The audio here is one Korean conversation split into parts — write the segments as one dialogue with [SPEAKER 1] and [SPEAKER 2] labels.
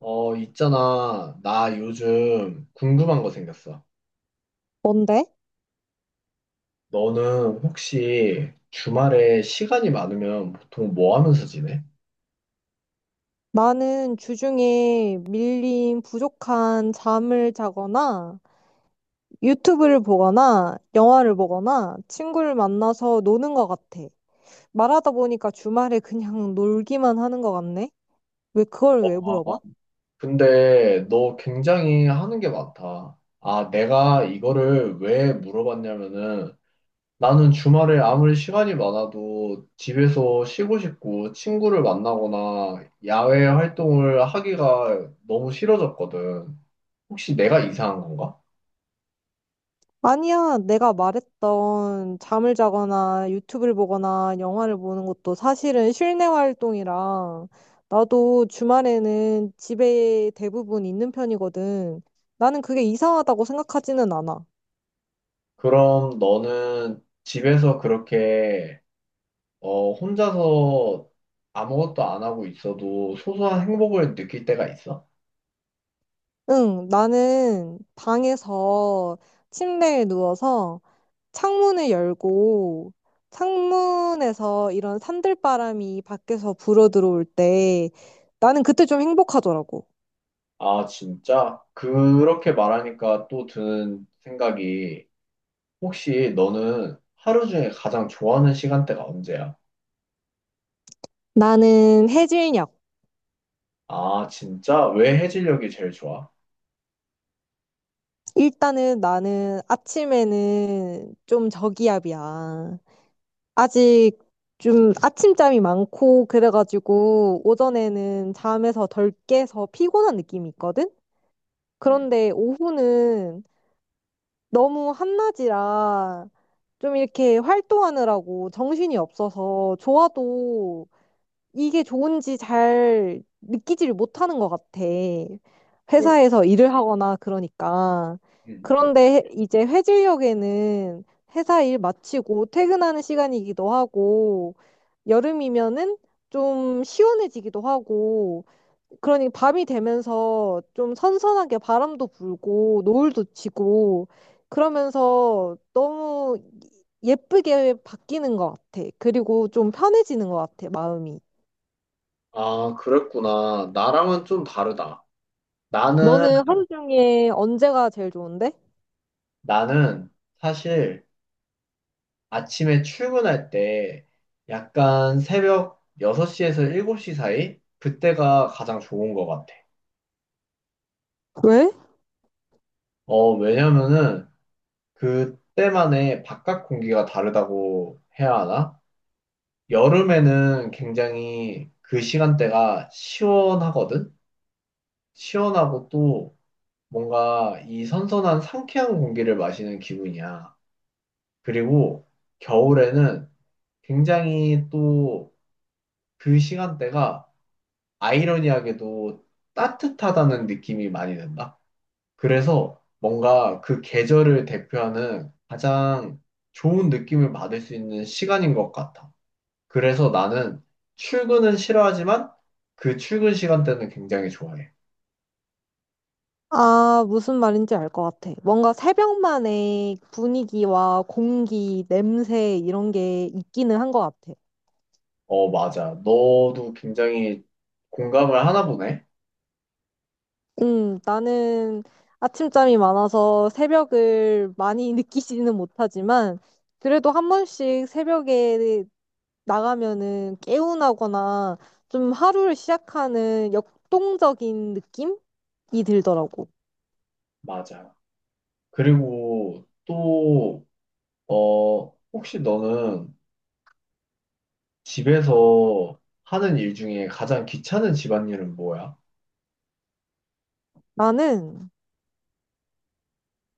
[SPEAKER 1] 있잖아. 나 요즘 궁금한 거 생겼어.
[SPEAKER 2] 뭔데?
[SPEAKER 1] 너는 혹시 주말에 시간이 많으면 보통 뭐 하면서 지내?
[SPEAKER 2] 나는 주중에 밀린 부족한 잠을 자거나 유튜브를 보거나 영화를 보거나 친구를 만나서 노는 것 같아. 말하다 보니까 주말에 그냥 놀기만 하는 것 같네? 왜 그걸 왜
[SPEAKER 1] 어,
[SPEAKER 2] 물어봐?
[SPEAKER 1] 근데 너 굉장히 하는 게 많다. 아, 내가 이거를 왜 물어봤냐면은 나는 주말에 아무리 시간이 많아도 집에서 쉬고 싶고 친구를 만나거나 야외 활동을 하기가 너무 싫어졌거든. 혹시 내가 이상한 건가?
[SPEAKER 2] 아니야, 내가 말했던 잠을 자거나 유튜브를 보거나 영화를 보는 것도 사실은 실내 활동이라 나도 주말에는 집에 대부분 있는 편이거든. 나는 그게 이상하다고 생각하지는 않아.
[SPEAKER 1] 그럼 너는 집에서 그렇게 혼자서 아무것도 안 하고 있어도 소소한 행복을 느낄 때가 있어?
[SPEAKER 2] 응, 나는 방에서 침대에 누워서 창문을 열고 창문에서 이런 산들바람이 밖에서 불어 들어올 때 나는 그때 좀 행복하더라고.
[SPEAKER 1] 아, 진짜? 그렇게 말하니까 또 드는 생각이 혹시 너는 하루 중에 가장 좋아하는 시간대가 언제야?
[SPEAKER 2] 나는 해질녘.
[SPEAKER 1] 아, 진짜? 왜 해질녘이 제일 좋아?
[SPEAKER 2] 일단은 나는 아침에는 좀 저기압이야. 아직 좀 아침잠이 많고 그래가지고 오전에는 잠에서 덜 깨서 피곤한 느낌이 있거든?
[SPEAKER 1] 음,
[SPEAKER 2] 그런데 오후는 너무 한낮이라 좀 이렇게 활동하느라고 정신이 없어서 좋아도 이게 좋은지 잘 느끼지를 못하는 것 같아.
[SPEAKER 1] 그렇-
[SPEAKER 2] 회사에서 일을 하거나 그러니까.
[SPEAKER 1] 음, 음.
[SPEAKER 2] 그런데 이제 회질력에는 회사 일 마치고 퇴근하는 시간이기도 하고, 여름이면은 좀 시원해지기도 하고, 그러니 밤이 되면서 좀 선선하게 바람도 불고, 노을도 지고, 그러면서 너무 예쁘게 바뀌는 것 같아. 그리고 좀 편해지는 것 같아, 마음이.
[SPEAKER 1] 아, 그랬구나. 나랑은 좀 다르다. 나는,
[SPEAKER 2] 너는 하루 중에 언제가 제일 좋은데?
[SPEAKER 1] 나는 사실 아침에 출근할 때 약간 새벽 6시에서 7시 사이? 그때가 가장 좋은 것 같아.
[SPEAKER 2] 왜?
[SPEAKER 1] 왜냐면은 그때만의 바깥 공기가 다르다고 해야 하나? 여름에는 굉장히 그 시간대가 시원하거든? 시원하고 또 뭔가 이 선선한 상쾌한 공기를 마시는 기분이야. 그리고 겨울에는 굉장히 또 그 시간대가 아이러니하게도 따뜻하다는 느낌이 많이 든다. 그래서 뭔가 그 계절을 대표하는 가장 좋은 느낌을 받을 수 있는 시간인 것 같아. 그래서 나는 출근은 싫어하지만 그 출근 시간대는 굉장히 좋아해.
[SPEAKER 2] 아, 무슨 말인지 알 것 같아. 뭔가 새벽만의 분위기와 공기, 냄새 이런 게 있기는 한 것 같아.
[SPEAKER 1] 어, 맞아. 너도 굉장히 공감을 하나 보네.
[SPEAKER 2] 나는 아침잠이 많아서 새벽을 많이 느끼지는 못하지만 그래도 한 번씩 새벽에 나가면은 개운하거나 좀 하루를 시작하는 역동적인 느낌이 들더라고.
[SPEAKER 1] 맞아. 그리고 또, 어, 혹시 너는 집에서 하는 일 중에 가장 귀찮은 집안일은 뭐야?
[SPEAKER 2] 나는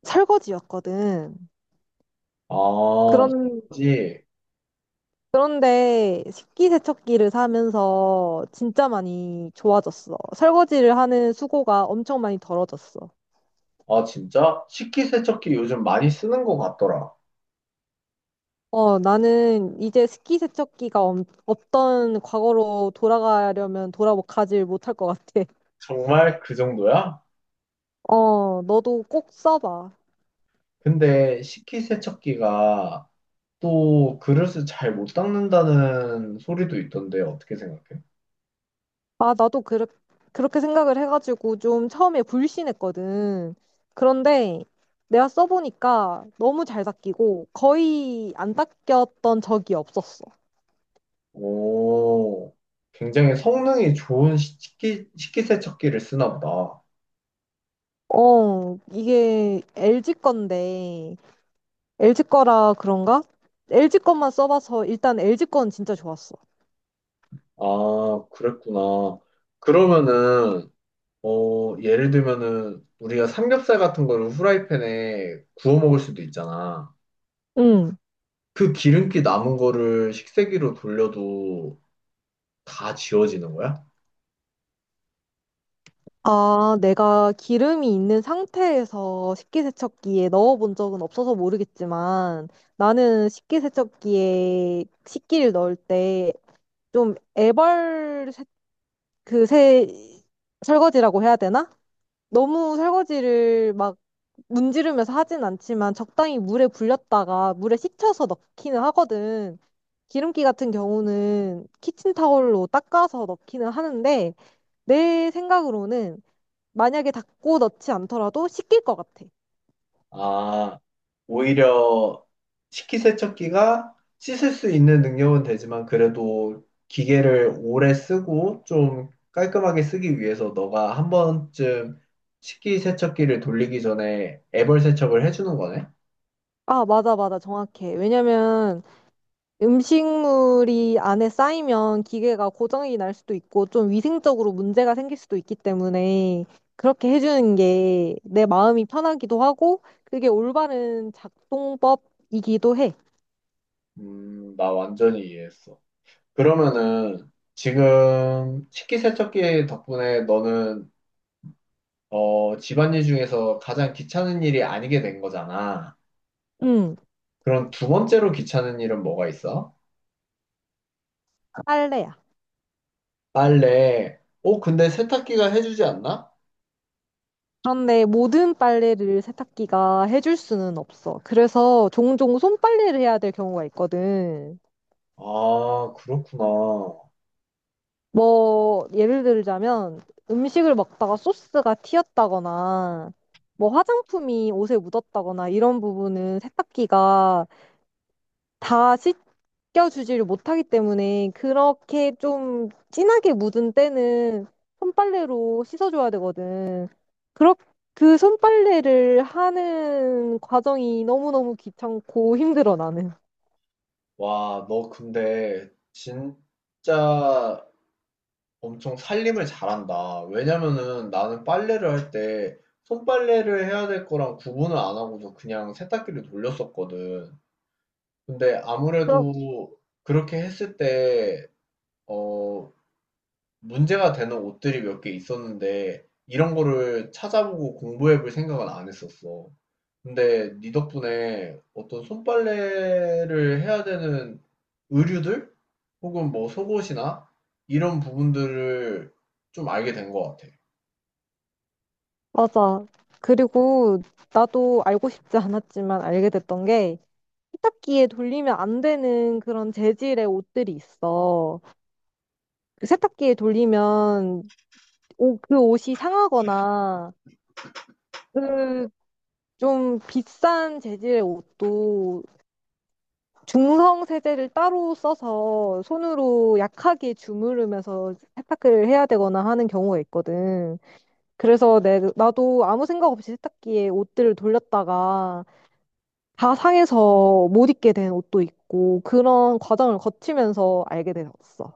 [SPEAKER 2] 설거지였거든.
[SPEAKER 1] 아,
[SPEAKER 2] 그런,
[SPEAKER 1] 그지.
[SPEAKER 2] 그런데 식기세척기를 사면서 진짜 많이 좋아졌어. 설거지를 하는 수고가 엄청 많이 덜어졌어.
[SPEAKER 1] 아, 진짜? 식기세척기 요즘 많이 쓰는 것 같더라.
[SPEAKER 2] 어, 나는 이제 없던 과거로 돌아가려면 돌아 가질 못할 것 같아.
[SPEAKER 1] 정말 그 정도야?
[SPEAKER 2] 어, 너도 꼭 써봐.
[SPEAKER 1] 근데 식기세척기가 또 그릇을 잘 못 닦는다는 소리도 있던데 어떻게 생각해?
[SPEAKER 2] 아, 그렇게 생각을 해가지고 좀 처음에 불신했거든. 그런데 내가 써보니까 너무 잘 닦이고 거의 안 닦였던 적이 없었어.
[SPEAKER 1] 오, 굉장히 성능이 좋은 식기세척기를 쓰나 보다.
[SPEAKER 2] 어, 이게 LG 건데, LG 거라 그런가? LG 것만 써봐서 일단 LG 건 진짜 좋았어.
[SPEAKER 1] 아, 그랬구나. 그러면은, 예를 들면은 우리가 삼겹살 같은 거를 후라이팬에 구워 먹을 수도 있잖아.
[SPEAKER 2] 응.
[SPEAKER 1] 그 기름기 남은 거를 식세기로 돌려도 다 지워지는 거야?
[SPEAKER 2] 아, 내가 기름이 있는 상태에서 식기세척기에 넣어본 적은 없어서 모르겠지만, 나는 식기세척기에 식기를 넣을 때 좀 애벌 세, 그 세, 설거지라고 해야 되나? 너무 설거지를 막 문지르면서 하진 않지만 적당히 물에 불렸다가 물에 식혀서 넣기는 하거든. 기름기 같은 경우는 키친타올로 닦아서 넣기는 하는데 내 생각으로는 만약에 닦고 넣지 않더라도 식힐 것 같아.
[SPEAKER 1] 아, 오히려 식기세척기가 씻을 수 있는 능력은 되지만 그래도 기계를 오래 쓰고 좀 깔끔하게 쓰기 위해서 너가 한 번쯤 식기세척기를 돌리기 전에 애벌 세척을 해주는 거네?
[SPEAKER 2] 아, 맞아, 맞아. 정확해. 왜냐면 음식물이 안에 쌓이면 기계가 고장이 날 수도 있고 좀 위생적으로 문제가 생길 수도 있기 때문에 그렇게 해주는 게 내 마음이 편하기도 하고 그게 올바른 작동법이기도 해.
[SPEAKER 1] 나 완전히 이해했어. 그러면은 지금 식기세척기 덕분에 너는 집안일 중에서 가장 귀찮은 일이 아니게 된 거잖아.
[SPEAKER 2] 응,
[SPEAKER 1] 그럼 두 번째로 귀찮은 일은 뭐가 있어?
[SPEAKER 2] 빨래야.
[SPEAKER 1] 빨래. 어, 근데 세탁기가 해주지 않나?
[SPEAKER 2] 그런데 모든 빨래를 세탁기가 해줄 수는 없어. 그래서 종종 손빨래를 해야 될 경우가 있거든.
[SPEAKER 1] 아, 그렇구나.
[SPEAKER 2] 뭐, 예를 들자면, 음식을 먹다가 소스가 튀었다거나, 뭐, 화장품이 옷에 묻었다거나, 이런 부분은 세탁기가 다 씻겨주지를 못하기 때문에, 그렇게 좀 진하게 묻은 때는 손빨래로 씻어줘야 되거든. 그렇, 그 손빨래를 하는 과정이 너무너무 귀찮고 힘들어, 나는.
[SPEAKER 1] 와, 너 근데 진짜 엄청 살림을 잘한다. 왜냐면은 나는 빨래를 할 때 손빨래를 해야 될 거랑 구분을 안 하고도 그냥 세탁기를 돌렸었거든. 근데
[SPEAKER 2] 그럼,
[SPEAKER 1] 아무래도 그렇게 했을 때, 어, 문제가 되는 옷들이 몇 개 있었는데 이런 거를 찾아보고 공부해 볼 생각은 안 했었어. 근데 네 덕분에 어떤 손빨래를 해야 되는 의류들? 혹은 뭐 속옷이나 이런 부분들을 좀 알게 된 것 같아.
[SPEAKER 2] 맞아. 그리고 나도 알고 싶지 않았지만 알게 됐던 게, 세탁기에 돌리면 안 되는 그런 재질의 옷들이 있어. 그 세탁기에 돌리면 그 옷이 상하거나 그 좀 비싼 재질의 옷도 중성 세제를 따로 써서 손으로 약하게 주무르면서 세탁을 해야 되거나 하는 경우가 있거든. 그래서 나도 아무 생각 없이 세탁기에 옷들을 돌렸다가 다 상해서 못 입게 된 옷도 있고 그런 과정을 거치면서 알게 되었어.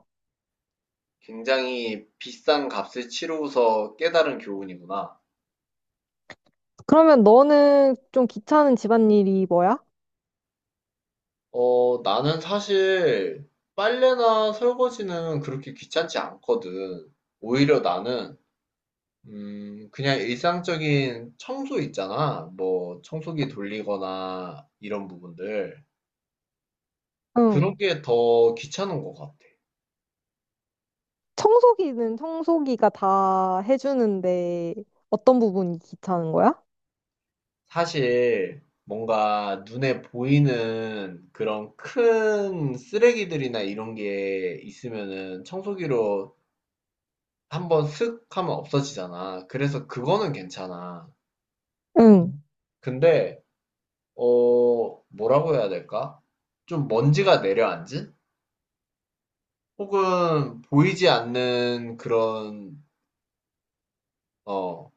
[SPEAKER 1] 굉장히 비싼 값을 치르고서 깨달은 교훈이구나.
[SPEAKER 2] 그러면 너는 좀 귀찮은 집안일이 뭐야?
[SPEAKER 1] 어, 나는 사실 빨래나 설거지는 그렇게 귀찮지 않거든. 오히려 나는 그냥 일상적인 청소 있잖아. 뭐, 청소기 돌리거나 이런 부분들. 그런
[SPEAKER 2] 응.
[SPEAKER 1] 게 더 귀찮은 것 같아.
[SPEAKER 2] 청소기는 청소기가 다 해주는데 어떤 부분이 귀찮은 거야?
[SPEAKER 1] 사실, 뭔가 눈에 보이는 그런 큰 쓰레기들이나 이런 게 있으면은 청소기로 한번 슥 하면 없어지잖아. 그래서 그거는 괜찮아.
[SPEAKER 2] 응.
[SPEAKER 1] 근데, 어, 뭐라고 해야 될까? 좀 먼지가 내려앉은? 혹은 보이지 않는 그런 어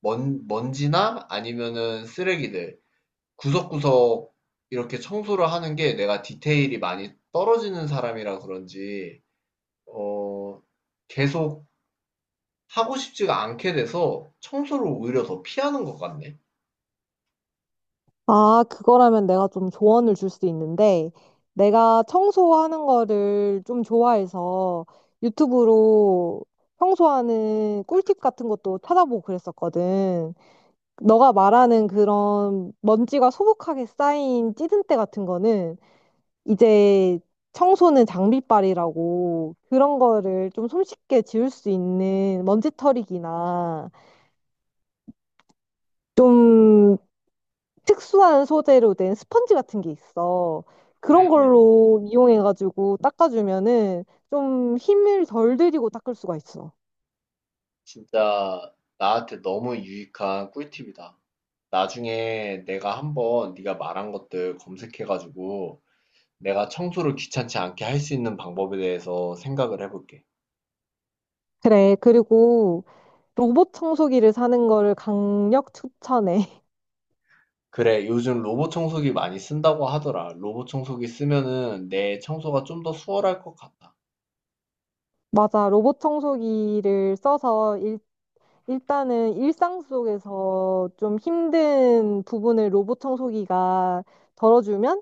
[SPEAKER 1] 먼지나 아니면은 쓰레기들 구석구석 이렇게 청소를 하는 게 내가 디테일이 많이 떨어지는 사람이라 그런지 어 계속 하고 싶지가 않게 돼서 청소를 오히려 더 피하는 것 같네.
[SPEAKER 2] 아, 그거라면 내가 좀 조언을 줄 수 있는데 내가 청소하는 거를 좀 좋아해서 유튜브로 청소하는 꿀팁 같은 것도 찾아보고 그랬었거든. 너가 말하는 그런 먼지가 소복하게 쌓인 찌든때 같은 거는 이제 청소는 장비빨이라고 그런 거를 좀 손쉽게 지울 수 있는 먼지털이기나 좀 특수한 소재로 된 스펀지 같은 게 있어.
[SPEAKER 1] 음,
[SPEAKER 2] 그런
[SPEAKER 1] 음.
[SPEAKER 2] 걸로 이용해가지고 닦아주면은 좀 힘을 덜 들이고 닦을 수가 있어.
[SPEAKER 1] 진짜 나한테 너무 유익한 꿀팁이다. 나중에 내가 한번 네가 말한 것들 검색해가지고 내가 청소를 귀찮지 않게 할 수 있는 방법에 대해서 생각을 해볼게.
[SPEAKER 2] 그래, 그리고 로봇 청소기를 사는 거를 강력 추천해.
[SPEAKER 1] 그래, 요즘 로봇 청소기 많이 쓴다고 하더라. 로봇 청소기 쓰면은 내 청소가 좀 더 수월할 것 같아.
[SPEAKER 2] 맞아, 로봇 청소기를 써서 일단은 일상 속에서 좀 힘든 부분을 로봇 청소기가 덜어주면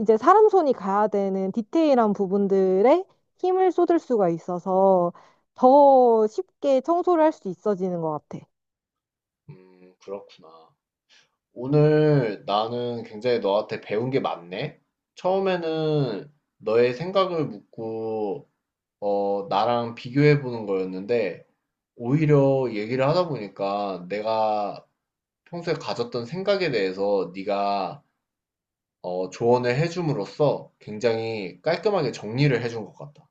[SPEAKER 2] 이제 사람 손이 가야 되는 디테일한 부분들에 힘을 쏟을 수가 있어서 더 쉽게 청소를 할 수 있어지는 것 같아.
[SPEAKER 1] 그렇구나. 오늘 나는 굉장히 너한테 배운 게 많네? 처음에는 너의 생각을 묻고, 나랑 비교해 보는 거였는데, 오히려 얘기를 하다 보니까 내가 평소에 가졌던 생각에 대해서 네가 조언을 해줌으로써 굉장히 깔끔하게 정리를 해준 것 같다.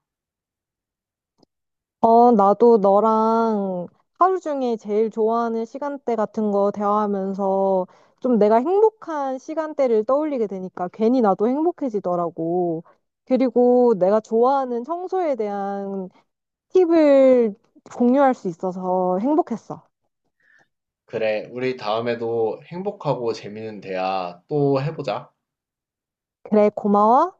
[SPEAKER 2] 어, 나도 너랑 하루 중에 제일 좋아하는 시간대 같은 거 대화하면서 좀 내가 행복한 시간대를 떠올리게 되니까 괜히 나도 행복해지더라고. 그리고 내가 좋아하는 청소에 대한 팁을 공유할 수 있어서 행복했어.
[SPEAKER 1] 그래, 우리 다음에도 행복하고 재밌는 대화 또 해보자.
[SPEAKER 2] 그래, 고마워.